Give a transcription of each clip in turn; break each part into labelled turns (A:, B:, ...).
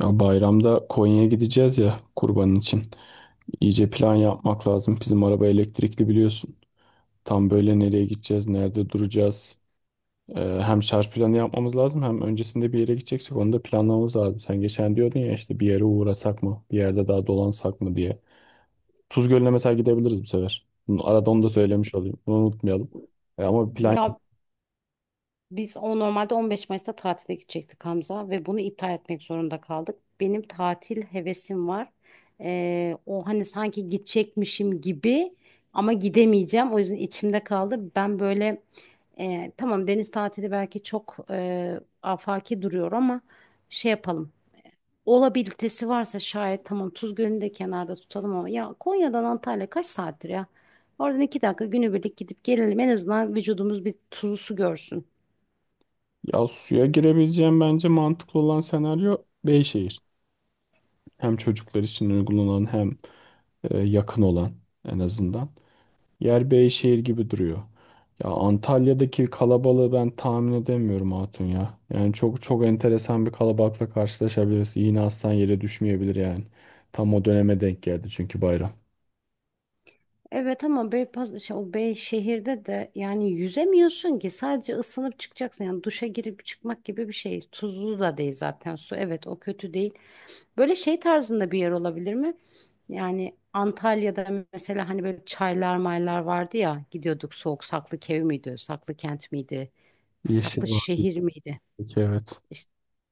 A: Ya bayramda Konya'ya gideceğiz ya kurbanın için. İyice plan yapmak lazım. Bizim araba elektrikli biliyorsun. Tam böyle nereye gideceğiz, nerede duracağız. Hem şarj planı yapmamız lazım hem öncesinde bir yere gideceksek onu da planlamamız lazım. Sen geçen diyordun ya işte bir yere uğrasak mı, bir yerde daha dolansak mı diye. Tuz Gölü'ne mesela gidebiliriz bu sefer. Bunu, arada onu da söylemiş olayım. Bunu unutmayalım. Ama bir plan
B: Ya
A: yap.
B: biz o normalde 15 Mayıs'ta tatile gidecektik Hamza ve bunu iptal etmek zorunda kaldık. Benim tatil hevesim var. O hani sanki gidecekmişim gibi ama gidemeyeceğim. O yüzden içimde kaldı. Ben böyle tamam, deniz tatili belki çok afaki duruyor ama şey yapalım. Olabilitesi varsa şayet tamam, Tuz Gölü'nü de kenarda tutalım ama ya Konya'dan Antalya kaç saattir ya? Oradan iki dakika günübirlik gidip gelelim. En azından vücudumuz bir tuzlu su görsün.
A: Ya suya girebileceğim bence mantıklı olan senaryo Beyşehir. Hem çocuklar için uygulanan hem yakın olan en azından. Yer Beyşehir gibi duruyor. Ya Antalya'daki kalabalığı ben tahmin edemiyorum Hatun ya. Yani çok çok enteresan bir kalabalıkla karşılaşabiliriz. Yine aslan yere düşmeyebilir yani. Tam o döneme denk geldi çünkü bayram.
B: Evet ama o Bey şehirde de yani yüzemiyorsun ki, sadece ısınıp çıkacaksın. Yani duşa girip çıkmak gibi bir şey. Tuzlu da değil zaten su. Evet, o kötü değil. Böyle şey tarzında bir yer olabilir mi? Yani Antalya'da mesela hani böyle çaylar maylar vardı ya, gidiyorduk, soğuk. Saklı Kevi miydi? Saklı Kent miydi? Saklı
A: Yeşil var.
B: Şehir miydi?
A: Peki, evet.
B: İşte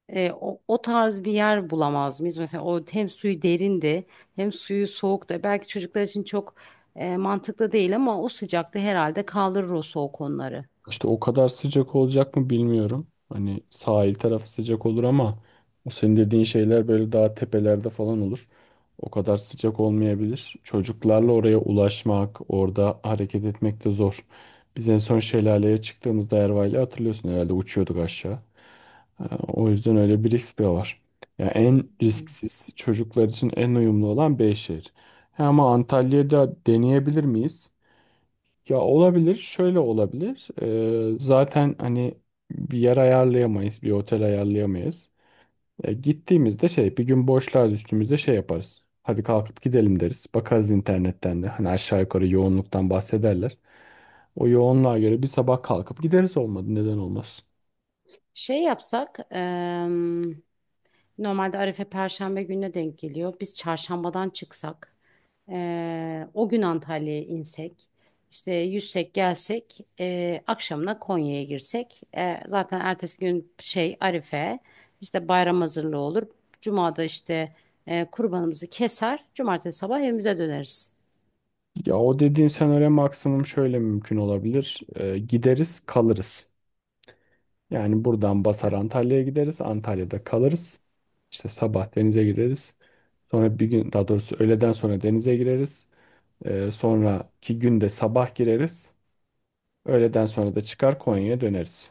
B: o tarz bir yer bulamaz mıyız? Mesela o hem suyu derindi hem suyu soğuktu. Belki çocuklar için çok mantıklı değil ama o sıcakta herhalde kaldırır o soğuk onları.
A: İşte o kadar sıcak olacak mı bilmiyorum. Hani sahil tarafı sıcak olur ama o senin dediğin şeyler böyle daha tepelerde falan olur. O kadar sıcak olmayabilir. Çocuklarla oraya ulaşmak, orada hareket etmek de zor. Biz en son şelaleye çıktığımızda Erva'yla hatırlıyorsun herhalde uçuyorduk aşağı. O yüzden öyle bir risk de var. Ya en
B: Hmm.
A: risksiz çocuklar için en uyumlu olan Beyşehir. Ha, ama Antalya'da deneyebilir miyiz? Ya olabilir, şöyle olabilir. Zaten hani bir yer ayarlayamayız, bir otel ayarlayamayız. Gittiğimizde bir gün boşluğa düştüğümüzde şey yaparız. Hadi kalkıp gidelim deriz. Bakarız internetten de. Hani aşağı yukarı yoğunluktan bahsederler. O yoğunluğa göre bir sabah kalkıp gideriz olmadı. Neden olmasın?
B: Şey yapsak, normalde Arife Perşembe gününe denk geliyor. Biz çarşambadan çıksak. O gün Antalya'ya insek, işte yüzsek gelsek, akşamına Konya'ya girsek. E, zaten ertesi gün şey, Arife, işte bayram hazırlığı olur. Cuma'da işte kurbanımızı keser, cumartesi sabah evimize döneriz.
A: Ya o dediğin senaryo maksimum şöyle mümkün olabilir. Gideriz, kalırız. Yani buradan basar Antalya'ya gideriz, Antalya'da kalırız. İşte sabah denize gireriz. Sonra bir gün daha doğrusu öğleden sonra denize gireriz. Sonraki günde sabah gireriz. Öğleden sonra da çıkar Konya'ya döneriz.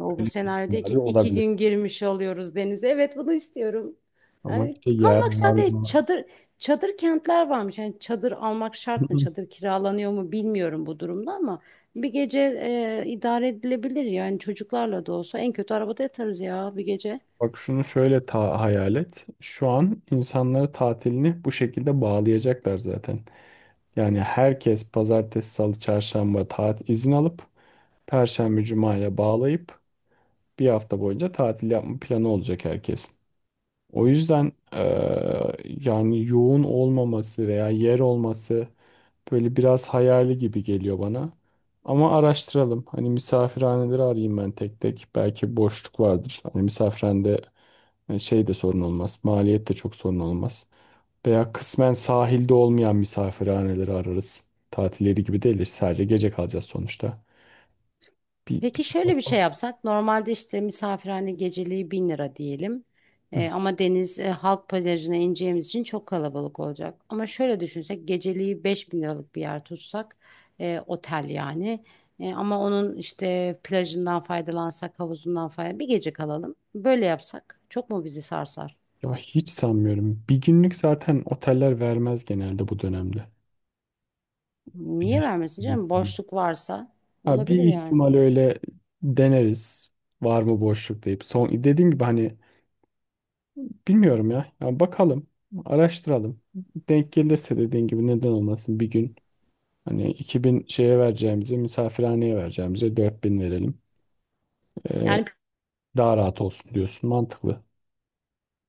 B: O bu
A: Öyle
B: senaryoda iki,
A: ihtimalleri
B: iki
A: olabilir.
B: gün girmiş oluyoruz denize. Evet, bunu istiyorum.
A: Ama
B: Yani
A: işte yer
B: kalmak
A: var
B: şart değil.
A: mı?
B: Çadır kentler varmış. Yani çadır almak şart mı?
A: Hı-hı.
B: Çadır kiralanıyor mu, bilmiyorum bu durumda, ama bir gece idare edilebilir. Yani çocuklarla da olsa en kötü arabada yatarız ya bir gece.
A: Bak şunu şöyle ta hayal et. Şu an insanları tatilini bu şekilde bağlayacaklar zaten. Yani herkes pazartesi, salı, çarşamba tatil izin alıp perşembe, cumaya bağlayıp bir hafta boyunca tatil yapma planı olacak herkesin. O yüzden yani yoğun olmaması veya yer olması böyle biraz hayali gibi geliyor bana. Ama araştıralım. Hani misafirhaneleri arayayım ben tek tek. Belki boşluk vardır. Hani misafirhanede şey de sorun olmaz. Maliyet de çok sorun olmaz. Veya kısmen sahilde olmayan misafirhaneleri ararız. Tatilleri gibi değil de sadece gece kalacağız sonuçta.
B: Peki şöyle bir şey yapsak: normalde işte misafirhane geceliği 1000 lira diyelim.
A: Hı.
B: Ama deniz halk plajına ineceğimiz için çok kalabalık olacak. Ama şöyle düşünsek, geceliği 5000 liralık bir yer tutsak, otel yani. E, ama onun işte plajından faydalansak, havuzundan faydalan, bir gece kalalım, böyle yapsak çok mu bizi sarsar?
A: Ya hiç sanmıyorum. Bir günlük zaten oteller vermez genelde bu dönemde.
B: Niye
A: Bilir.
B: vermesin canım, boşluk varsa
A: Ha, bir
B: olabilir yani.
A: ihtimal öyle deneriz. Var mı boşluk deyip. Son dediğin gibi hani bilmiyorum ya. Ya bakalım, araştıralım. Denk gelirse dediğin gibi neden olmasın bir gün. Hani 2.000 şeye vereceğimize, misafirhaneye vereceğimize 4.000 verelim. Ee,
B: Yani
A: Daha rahat olsun diyorsun. Mantıklı.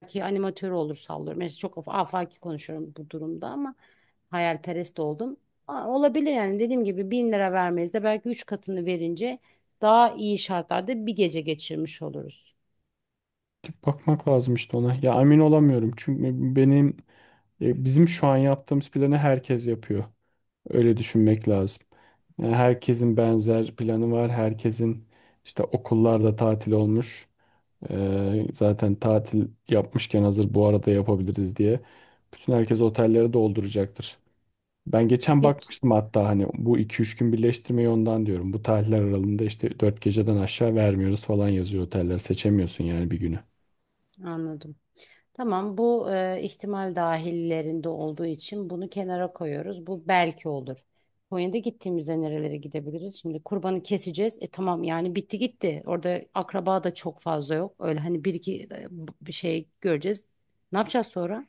B: belki animatör olur, sallıyorum. Yani çok afaki konuşuyorum bu durumda ama. Hayalperest oldum. Aa, olabilir yani, dediğim gibi bin lira vermeyiz de belki üç katını verince daha iyi şartlarda bir gece geçirmiş oluruz.
A: Bakmak lazım işte ona. Ya emin olamıyorum. Çünkü bizim şu an yaptığımız planı herkes yapıyor. Öyle düşünmek lazım. Yani herkesin benzer planı var. Herkesin işte okullarda tatil olmuş. Zaten tatil yapmışken hazır bu arada yapabiliriz diye. Bütün herkes otelleri dolduracaktır. Ben geçen
B: Peki.
A: bakmıştım hatta hani bu 2-3 gün birleştirmeyi ondan diyorum. Bu tarihler aralığında işte 4 geceden aşağı vermiyoruz falan yazıyor oteller. Seçemiyorsun yani bir günü.
B: Anladım. Tamam, bu ihtimal dahillerinde olduğu için bunu kenara koyuyoruz. Bu belki olur. Konya'da gittiğimizde nerelere gidebiliriz? Şimdi kurbanı keseceğiz. E tamam, yani bitti gitti. Orada akraba da çok fazla yok. Öyle hani bir iki bir şey göreceğiz. Ne yapacağız sonra?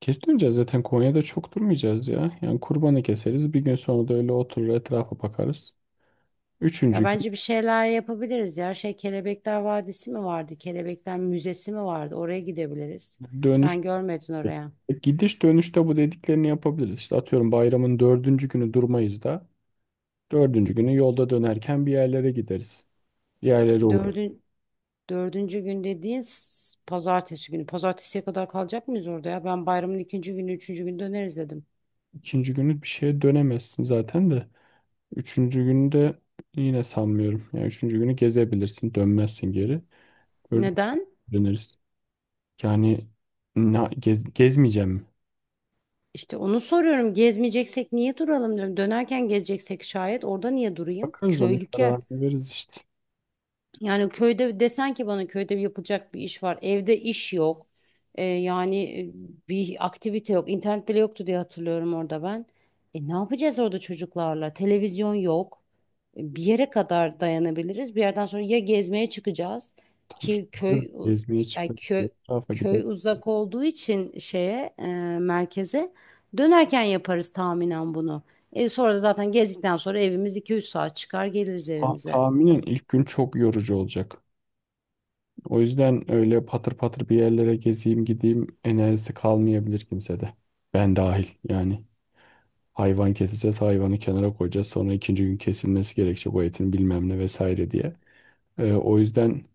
A: Geç döneceğiz zaten Konya'da çok durmayacağız ya. Yani kurbanı keseriz. Bir gün sonra da öyle oturur etrafa bakarız. Üçüncü
B: Ya
A: gün
B: bence bir şeyler yapabiliriz ya. Şey, Kelebekler Vadisi mi vardı? Kelebekler Müzesi mi vardı? Oraya gidebiliriz.
A: dönüş.
B: Sen görmedin oraya.
A: E, Gidiş dönüşte bu dediklerini yapabiliriz. İşte atıyorum bayramın dördüncü günü durmayız da dördüncü günü yolda dönerken bir yerlere gideriz. Bir yerlere uğrarız.
B: Dördün, dördüncü gün dediğin pazartesi günü. Pazartesiye kadar kalacak mıyız orada ya? Ben bayramın ikinci günü, üçüncü günü döneriz dedim.
A: İkinci günü bir şeye dönemezsin zaten de. Üçüncü günü de yine sanmıyorum. Yani üçüncü günü gezebilirsin, dönmezsin geri. Dördüncü
B: Neden?
A: günü döneriz. Yani gezmeyeceğim mi?
B: İşte onu soruyorum. Gezmeyeceksek niye duralım diyorum. Dönerken gezeceksek şayet orada niye durayım?
A: Bakarız onun
B: Köylük yer.
A: kararını veririz işte.
B: Yani köyde desen ki bana, köyde yapılacak bir iş var. Evde iş yok. Yani bir aktivite yok. İnternet bile yoktu diye hatırlıyorum orada ben. E, ne yapacağız orada çocuklarla? Televizyon yok. E, bir yere kadar dayanabiliriz. Bir yerden sonra ya gezmeye çıkacağız
A: Tam işte
B: ki
A: diyorum, gezmeye
B: ay
A: çıkmak diye
B: köy
A: etrafa
B: köy
A: gidelim.
B: uzak olduğu için merkeze dönerken yaparız tahminen bunu. E, sonra da zaten gezdikten sonra evimiz iki üç saat, çıkar geliriz evimize.
A: Tahminen ilk gün çok yorucu olacak. O yüzden öyle patır patır bir yerlere gezeyim gideyim enerjisi kalmayabilir kimsede. Ben dahil yani. Hayvan keseceğiz, hayvanı kenara koyacağız. Sonra ikinci gün kesilmesi gerekecek o etin bilmem ne vesaire diye. O yüzden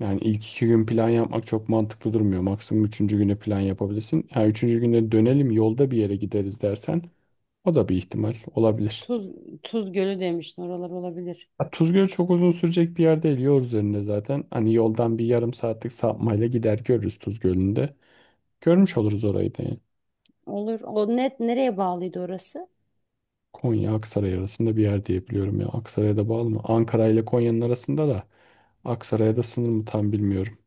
A: yani ilk iki gün plan yapmak çok mantıklı durmuyor. Maksimum üçüncü güne plan yapabilirsin. Ha, üçüncü günde dönelim yolda bir yere gideriz dersen o da bir ihtimal olabilir.
B: Tuz, Tuz Gölü demiştin. Oralar olabilir.
A: Ha, Tuzgöl çok uzun sürecek bir yer değil. Yol üzerinde zaten. Hani yoldan bir yarım saatlik sapmayla gider görürüz Tuzgöl'ünde. Görmüş oluruz orayı da yani.
B: Olur. O net nereye bağlıydı orası?
A: Konya Aksaray arasında bir yer diye biliyorum ya. Aksaray'a da bağlı mı? Ankara ile Konya'nın arasında da Aksaray'a da sınır mı tam bilmiyorum.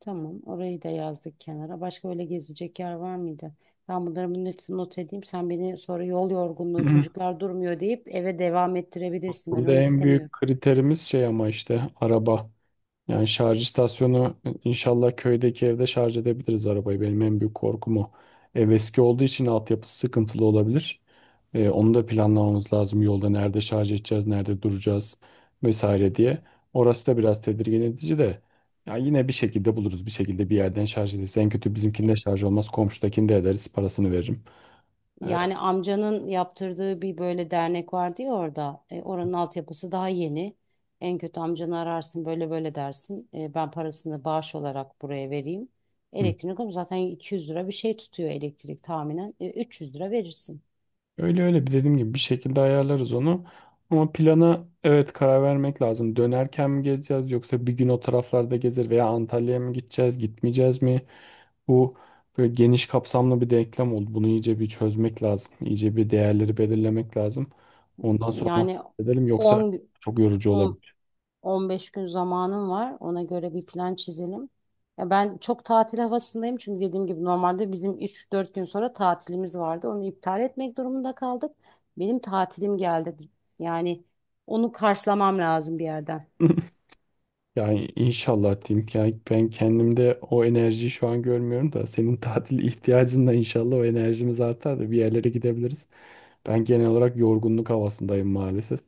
B: Tamam. Orayı da yazdık kenara. Başka öyle gezecek yer var mıydı? Ben bunun hepsini not edeyim. Sen beni sonra yol yorgunluğu, çocuklar durmuyor deyip eve devam ettirebilirsin. Ben
A: Burada
B: onu
A: en
B: istemiyorum.
A: büyük kriterimiz şey ama işte araba. Yani şarj istasyonu inşallah köydeki evde şarj edebiliriz arabayı. Benim en büyük korkum o. Ev eski olduğu için altyapısı sıkıntılı olabilir. Onu da planlamamız lazım. Yolda nerede şarj edeceğiz, nerede duracağız vesaire diye. Orası da biraz tedirgin edici de. Ya yine bir şekilde buluruz. Bir şekilde bir yerden şarj ederiz. En kötü bizimkinde şarj olmaz. Komşudakini de ederiz. Parasını veririm. Ee,
B: Yani amcanın yaptırdığı bir böyle dernek vardı ya orada. E, oranın altyapısı daha yeni. En kötü amcanı ararsın, böyle böyle dersin. E, ben parasını bağış olarak buraya vereyim.
A: hı.
B: Elektrik ama zaten 200 lira bir şey tutuyor elektrik tahminen. E, 300 lira verirsin.
A: Öyle öyle bir dediğim gibi bir şekilde ayarlarız onu. Ama plana evet karar vermek lazım. Dönerken mi gezeceğiz yoksa bir gün o taraflarda gezer veya Antalya'ya mı gideceğiz, gitmeyeceğiz mi? Bu böyle geniş kapsamlı bir denklem oldu. Bunu iyice bir çözmek lazım. İyice bir değerleri belirlemek lazım. Ondan sonra
B: Yani
A: edelim yoksa
B: 10.
A: çok yorucu olabilir.
B: 15 gün zamanım var. Ona göre bir plan çizelim. Ya ben çok tatil havasındayım çünkü dediğim gibi normalde bizim üç dört gün sonra tatilimiz vardı. Onu iptal etmek durumunda kaldık. Benim tatilim geldi. Yani onu karşılamam lazım bir yerden.
A: Yani inşallah diyeyim ki yani ben kendimde o enerjiyi şu an görmüyorum da senin tatil ihtiyacınla inşallah o enerjimiz artar da bir yerlere gidebiliriz. Ben genel olarak yorgunluk havasındayım maalesef.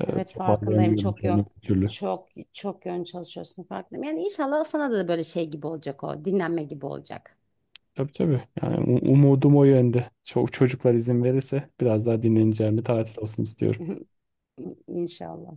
B: Evet, farkındayım.
A: Toparlayamıyorum kendimi bir türlü.
B: Çok çok yön çalışıyorsun, farkındayım. Yani inşallah sana da böyle şey gibi olacak o. Dinlenme gibi olacak.
A: Tabii, tabii. Yani umudum o yönde. Çok çocuklar izin verirse biraz daha dinleneceğim bir tatil olsun istiyorum.
B: İnşallah.